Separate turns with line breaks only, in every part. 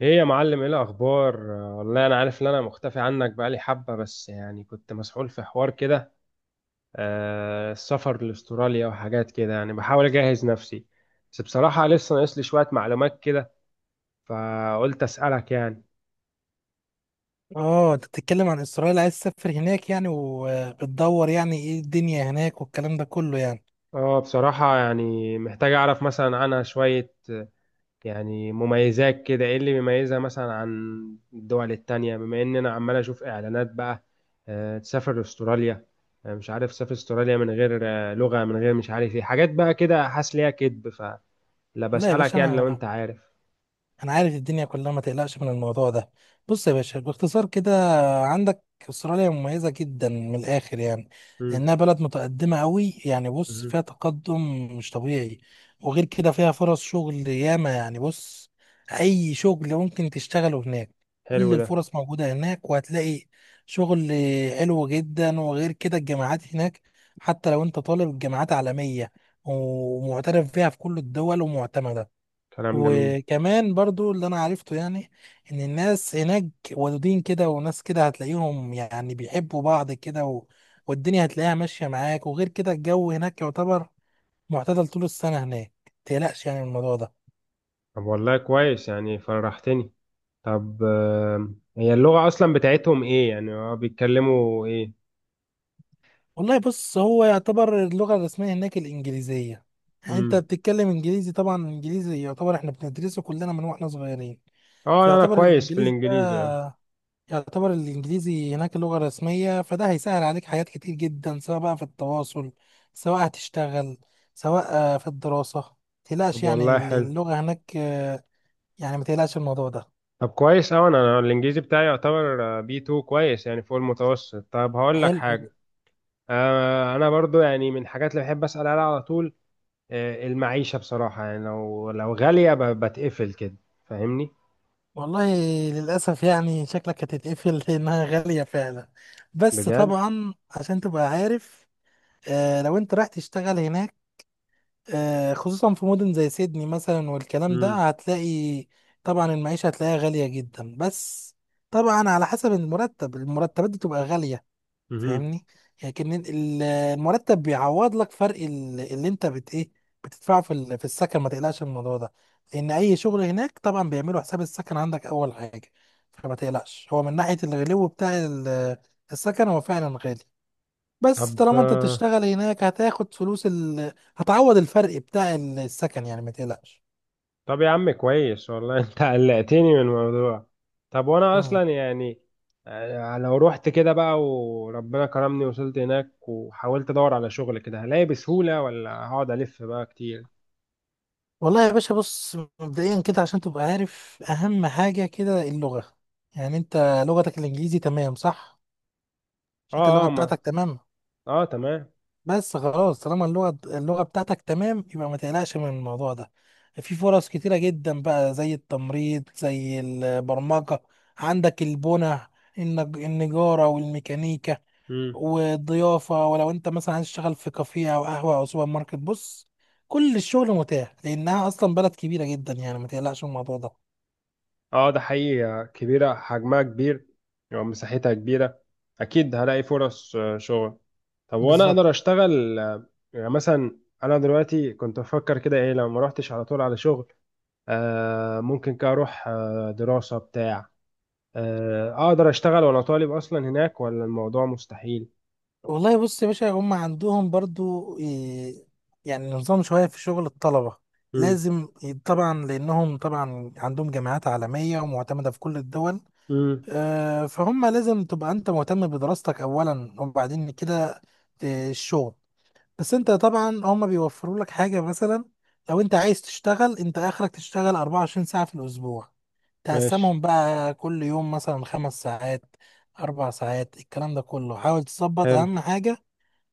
ايه يا معلم، ايه الاخبار؟ والله انا عارف ان انا مختفي عنك بقالي حبة، بس يعني كنت مسحول في حوار كده. السفر لاستراليا وحاجات كده، يعني بحاول اجهز نفسي. بس بصراحة لسه ناقص لي شوية معلومات كده، فقلت اسألك يعني.
اه، انت بتتكلم عن اسرائيل، عايز تسافر هناك يعني، وبتدور يعني ايه الدنيا هناك والكلام ده كله يعني.
اه بصراحة يعني محتاج اعرف مثلا عنها شوية. يعني مميزات كده، ايه اللي بيميزها مثلا عن الدول التانية، بما ان انا عمال اشوف اعلانات بقى. تسافر استراليا. مش عارف تسافر استراليا من غير لغة، من غير مش عارف ايه حاجات بقى كده، حاسس ليها كدب فلا.
لا يا
بسألك
باشا،
يعني لو
انا
انت عارف.
انا عارف الدنيا كلها، ما تقلقش من الموضوع ده. بص يا باشا، باختصار كده، عندك استراليا مميزة جدا من الاخر يعني،
مم.
لانها بلد متقدمة قوي يعني، بص
مم.
فيها تقدم مش طبيعي. وغير كده فيها فرص شغل ياما يعني، بص اي شغل ممكن تشتغله هناك،
حلو
كل
ده.
الفرص موجودة هناك، وهتلاقي شغل حلو جدا. وغير كده الجامعات هناك، حتى لو انت طالب، الجامعات عالمية ومعترف فيها في كل الدول ومعتمدة.
كلام جميل.
وكمان برضو اللي انا عرفته يعني، ان الناس هناك ودودين كده، وناس كده هتلاقيهم يعني بيحبوا بعض كده، والدنيا هتلاقيها ماشية معاك. وغير كده الجو هناك يعتبر معتدل طول السنة هناك، متقلقش يعني من الموضوع ده.
طب والله كويس يعني، فرحتني. طب هي اللغة اصلا بتاعتهم ايه؟ يعني هو بيتكلموا ايه؟
والله بص، هو يعتبر اللغة الرسمية هناك الإنجليزية، يعني انت
مم.
بتتكلم انجليزي طبعا، الانجليزي يعتبر، احنا بندرسه كلنا من واحنا صغيرين.
اه لا، انا
فيعتبر
كويس في
الانجليزي ده،
الانجليزي يعني.
يعتبر الإنجليزي هناك اللغة الرسمية، فده هيسهل عليك حاجات كتير جدا، سواء بقى في التواصل، سواء هتشتغل، سواء في الدراسة. متقلقش
طب والله
يعني
حلو.
اللغة هناك. يعني متقلقش الموضوع ده.
طب كويس أوي. أنا أنا الإنجليزي بتاعي يعتبر بي 2، كويس يعني فوق المتوسط. طب هقول لك
حلو
حاجة.
جداً.
أنا برضو يعني من الحاجات اللي بحب أسأل عليها على طول، المعيشة بصراحة. يعني لو غالية بتقفل كده، فاهمني؟
والله للأسف يعني شكلك هتتقفل لأنها غالية فعلا، بس
بجد.
طبعا عشان تبقى عارف، لو أنت رايح تشتغل هناك، خصوصا في مدن زي سيدني مثلا والكلام ده،
مم.
هتلاقي طبعا المعيشة هتلاقيها غالية جدا. بس طبعا على حسب المرتب، المرتبات دي تبقى غالية،
مهم.
فاهمني؟ لكن المرتب بيعوض لك فرق اللي انت ايه، بتدفعه في السكن، ما تقلقش من الموضوع ده، لان اي شغل هناك طبعا بيعملوا حساب السكن عندك اول حاجة. فما تقلقش هو من ناحية الغلو بتاع السكن، هو فعلا غالي. بس
طب
طالما انت بتشتغل هناك هتاخد فلوس هتعوض الفرق بتاع السكن يعني، ما تقلقش.
طب يا عم كويس، والله أنت قلقتني من الموضوع. طب وأنا
مم.
أصلا يعني، لو رحت كده بقى وربنا كرمني وصلت هناك وحاولت أدور على شغل كده، هلاقي بسهولة ولا هقعد ألف بقى كتير؟
والله يا باشا بص، مبدئيا كده عشان تبقى عارف، اهم حاجة كده اللغة، يعني انت لغتك الانجليزي تمام، صح؟ مش انت
اه
اللغة
اه ما.
بتاعتك تمام.
اه تمام.
بس خلاص، طالما اللغة بتاعتك تمام، يبقى ما تقلقش من الموضوع ده. في فرص كتيرة جدا بقى، زي التمريض، زي البرمجة، عندك البنى، النجارة والميكانيكا
مم.
والضيافة. ولو انت مثلا عايز تشتغل في كافيه او قهوة او سوبر ماركت، بص كل الشغل متاح، لانها اصلا بلد كبيرة جدا يعني، ما تقلقش من الموضوع ده.
اه ده حقيقي كبيرة، حجمها كبير ومساحتها كبيرة. أكيد هلاقي فرص شغل. طب وأنا
بالظبط.
أقدر أشتغل، يعني مثلا أنا دلوقتي كنت بفكر كده إيه، لو ما روحتش على طول على شغل، ممكن كده أروح دراسة بتاع. أقدر أشتغل وأنا طالب أصلا هناك ولا الموضوع مستحيل؟
والله بص يا باشا، هم عندهم برضو يعني نظام شوية في شغل الطلبة،
مم.
طبعا لأنهم طبعا عندهم جامعات عالمية ومعتمدة في كل الدول.
مم.
فهم لازم تبقى أنت مهتم بدراستك أولا، وبعدين كده الشغل. بس أنت طبعا هم بيوفروا لك حاجة، مثلا لو أنت عايز تشتغل، أنت آخرك تشتغل 24 ساعة في الأسبوع،
ماشي.
تقسمهم بقى كل يوم مثلا خمس ساعات، أربع ساعات، الكلام ده كله، حاول تظبط،
حلو.
أهم حاجة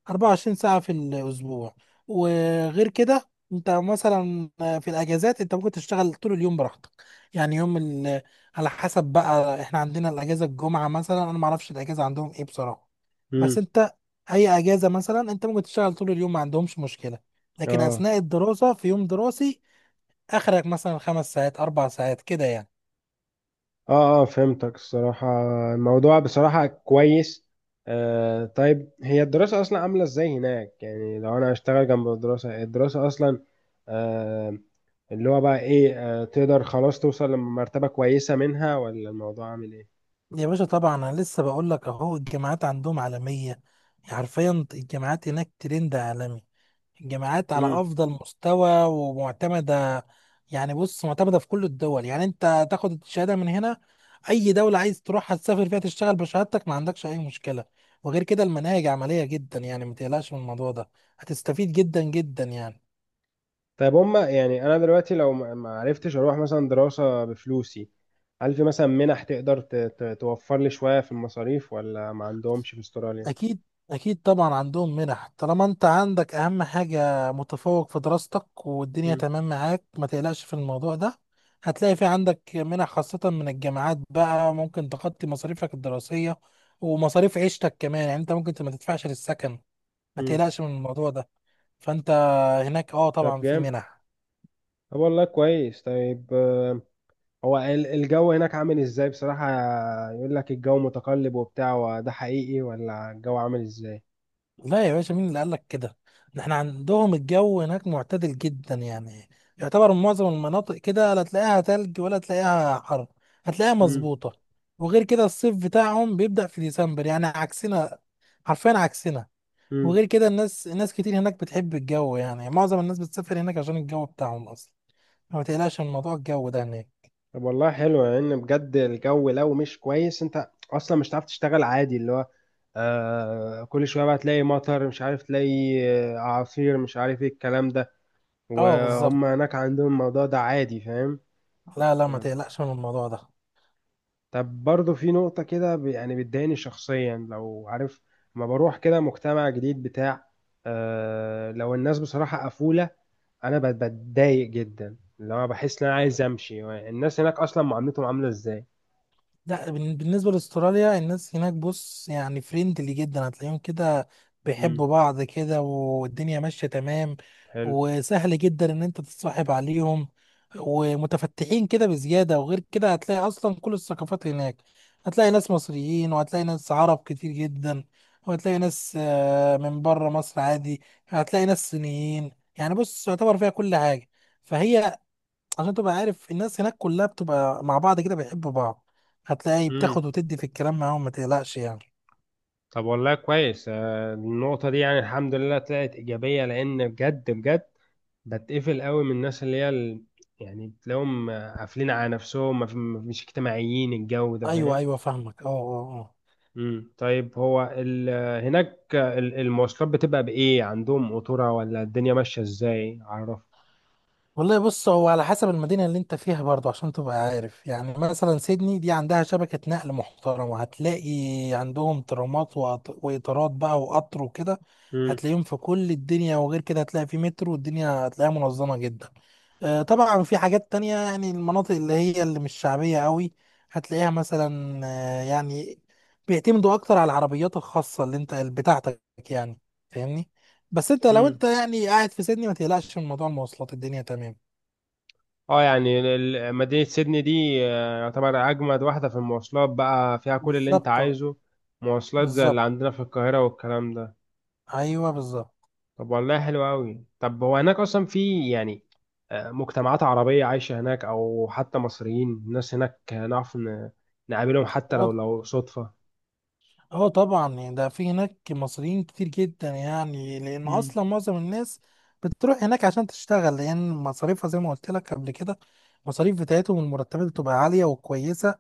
24 ساعة في الأسبوع. وغير كده أنت مثلا في الأجازات أنت ممكن تشتغل طول اليوم براحتك، يعني على حسب بقى، إحنا عندنا الأجازة الجمعة مثلا، أنا معرفش الأجازة عندهم إيه بصراحة. بس
مم.
أنت أي أجازة مثلا أنت ممكن تشتغل طول اليوم، ما عندهمش مشكلة. لكن
اه
أثناء الدراسة، في يوم دراسي، آخرك مثلا خمس ساعات، أربع ساعات كده يعني.
اه اه فهمتك الصراحة. الموضوع بصراحة كويس. طيب، هي الدراسة أصلا عاملة ازاي هناك؟ يعني لو أنا هشتغل جنب الدراسة، الدراسة أصلا، آه اللي هو بقى ايه، تقدر خلاص توصل لمرتبة كويسة منها ولا الموضوع عامل ايه؟
يا باشا طبعا أنا لسه بقول لك أهو، الجامعات عندهم عالمية، حرفيا الجامعات هناك ترند عالمي، الجامعات على
مم.
افضل مستوى ومعتمده. يعني بص معتمده في كل الدول، يعني انت تاخد الشهاده من هنا، اي دوله عايز تروحها تسافر فيها، تشتغل بشهادتك، ما عندكش اي مشكله. وغير كده المناهج عمليه جدا يعني، ما تقلقش من الموضوع ده، هتستفيد جدا جدا يعني.
طيب هما يعني، أنا دلوقتي لو ما عرفتش أروح مثلا دراسة بفلوسي، هل في مثلا منح تقدر توفر لي شوية في المصاريف، ولا ما عندهمش في استراليا؟
أكيد، أكيد طبعا عندهم منح، طالما أنت عندك أهم حاجة متفوق في دراستك، والدنيا
مم.
تمام معاك، ما تقلقش في الموضوع ده. هتلاقي في عندك منح خاصة من الجامعات بقى، ممكن تغطي مصاريفك الدراسية ومصاريف عيشتك كمان، يعني أنت ممكن ما تدفعش للسكن، ما
مم.
تقلقش من الموضوع ده. فأنت هناك أه
طب
طبعا في
جامد.
منح.
طب والله كويس. طيب هو الجو هناك عامل ازاي بصراحة؟ يقول لك الجو متقلب وبتاع، وده حقيقي ولا الجو عامل ازاي؟
لا يا باشا، مين اللي قال لك كده؟ ده احنا عندهم الجو هناك معتدل جدا يعني، يعتبر معظم المناطق كده لا تلاقيها تلج ولا تلاقيها حر، هتلاقيها
امم.
مظبوطة. وغير كده الصيف بتاعهم بيبدأ في ديسمبر، يعني عكسنا، حرفيا عكسنا.
امم.
وغير كده الناس، ناس كتير هناك بتحب الجو، يعني معظم الناس بتسافر هناك عشان الجو بتاعهم أصلا، ما تقلقش من موضوع الجو ده هناك.
طب والله حلو، لان يعني بجد الجو لو مش كويس انت اصلا مش هتعرف تشتغل عادي. اللي هو كل شوية بقى تلاقي مطر، مش عارف تلاقي اعاصير، مش عارف ايه الكلام ده.
اه
وهم
بالظبط.
هناك عندهم الموضوع ده عادي، فاهم؟
لا لا، ما تقلقش من الموضوع
طب برضه في نقطة كده يعني بتضايقني شخصيا لو عارف. ما بروح كده مجتمع جديد بتاع، لو الناس بصراحة قفولة، أنا بتضايق جدا. اللي هو بحس إن أنا
ده.
عايز أمشي. الناس هناك أصلا معاملتهم عاملة إزاي؟
لا بالنسبة لاستراليا، الناس هناك بص يعني فريندلي جدا، هتلاقيهم كده
مم.
بيحبوا بعض كده، والدنيا ماشية تمام.
حلو.
وسهل جدا ان انت تتصاحب عليهم، ومتفتحين كده بزيادة. وغير كده هتلاقي اصلا كل الثقافات هناك، هتلاقي ناس مصريين، وهتلاقي ناس عرب كتير جدا، وهتلاقي ناس من بره مصر عادي، هتلاقي ناس صينيين. يعني بص يعتبر فيها كل حاجة، فهي، عشان تبقى عارف الناس هناك كلها بتبقى مع بعض كده، بيحبوا بعض، هتلاقي
مم.
بتاخد وتدي في الكلام معاهم، ما تقلقش يعني.
طب والله كويس. النقطة دي يعني الحمد لله طلعت إيجابية، لأن بجد بجد بتقفل قوي من الناس اللي هي يعني بتلاقيهم قافلين على نفسهم، ما في- ما- مش اجتماعيين، الجو ده
ايوه،
فاهم؟
ايوه، فاهمك. اه، اه، اه.
امم. طيب هو هناك المواصلات بتبقى بإيه؟ عندهم قطورة ولا الدنيا ماشية إزاي، عرف؟
والله بص، هو على حسب المدينة اللي انت فيها برضو، عشان تبقى عارف. يعني مثلا سيدني دي عندها شبكة نقل محترمة، هتلاقي عندهم ترامات، وقطارات بقى وقطر وكده،
امم.
هتلاقيهم في كل الدنيا. وغير كده هتلاقي في مترو، والدنيا هتلاقيها منظمة جدا. طبعا في حاجات تانية يعني، المناطق اللي هي اللي مش شعبية قوي، هتلاقيها مثلا يعني بيعتمدوا أكتر على العربيات الخاصة اللي أنت بتاعتك يعني، فاهمني. بس أنت لو أنت
امم.
يعني قاعد في سيدني، ما تقلقش من موضوع المواصلات، الدنيا تمام.
اه يعني مدينة سيدني دي يعتبر أجمد واحدة في المواصلات، بقى فيها كل اللي أنت
بالظبط.
عايزه. مواصلات زي اللي
بالظبط،
عندنا في القاهرة والكلام ده.
أيوه بالظبط.
طب والله حلو أوي. طب هو هناك أصلا في يعني مجتمعات عربية عايشة هناك، أو حتى مصريين؟ الناس هناك نعرف نقابلهم، حتى لو صدفة؟
اه طبعا يعني ده في هناك مصريين كتير جدا يعني، لان اصلا معظم الناس بتروح هناك عشان تشتغل، لان مصاريفها زي ما قلت لك قبل كده، المصاريف بتاعتهم والمرتبات بتبقى عالية وكويسة،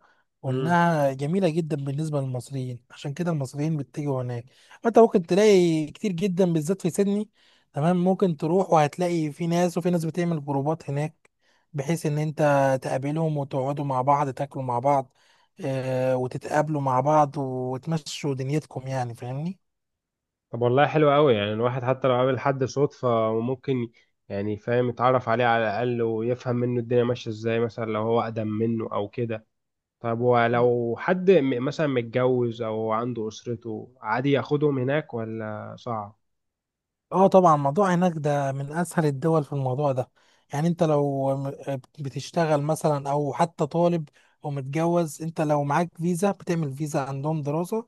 امم.
وانها جميلة جدا بالنسبة للمصريين، عشان كده المصريين بيتجهوا هناك. انت ممكن تلاقي كتير جدا بالذات في سيدني، تمام. ممكن تروح وهتلاقي في ناس، وفي ناس بتعمل جروبات هناك، بحيث ان انت تقابلهم، وتقعدوا مع بعض تاكلوا مع بعض، وتتقابلوا مع بعض وتمشوا دنيتكم يعني، فاهمني.
طب والله حلو قوي، يعني الواحد حتى لو قابل حد صدفة، ممكن يعني فاهم يتعرف عليه على الأقل، ويفهم منه الدنيا ماشية ازاي، مثلا لو هو أقدم منه أو كده. طب ولو حد مثلا متجوز أو عنده أسرته، عادي ياخدهم هناك ولا صعب؟
اه طبعا موضوع هناك ده من اسهل الدول في الموضوع ده. يعني انت بتشتغل مثلا او حتى طالب ومتجوز، انت لو معاك فيزا، بتعمل فيزا عندهم دراسة،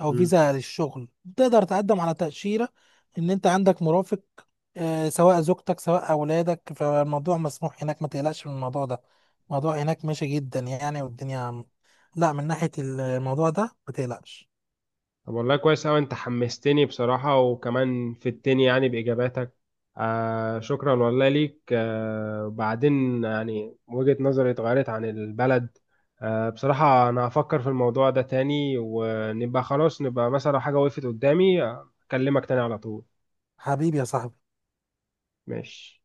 او
مم.
فيزا للشغل، تقدر تقدم على تأشيرة ان انت عندك مرافق، سواء زوجتك سواء اولادك، فالموضوع مسموح هناك، ما تقلقش من الموضوع ده، الموضوع هناك ماشي جدا يعني، والدنيا، لا من ناحية الموضوع ده ما تقلقش.
طب والله كويس أوي. أنت حمستني بصراحة، وكمان فدتني يعني بإجاباتك. شكرا والله ليك. بعدين يعني وجهة نظري اتغيرت عن البلد. بصراحة أنا هفكر في الموضوع ده تاني، ونبقى خلاص نبقى مثلا لو حاجة وقفت قدامي، أكلمك تاني على طول.
حبيبي يا صاحبي.
ماشي.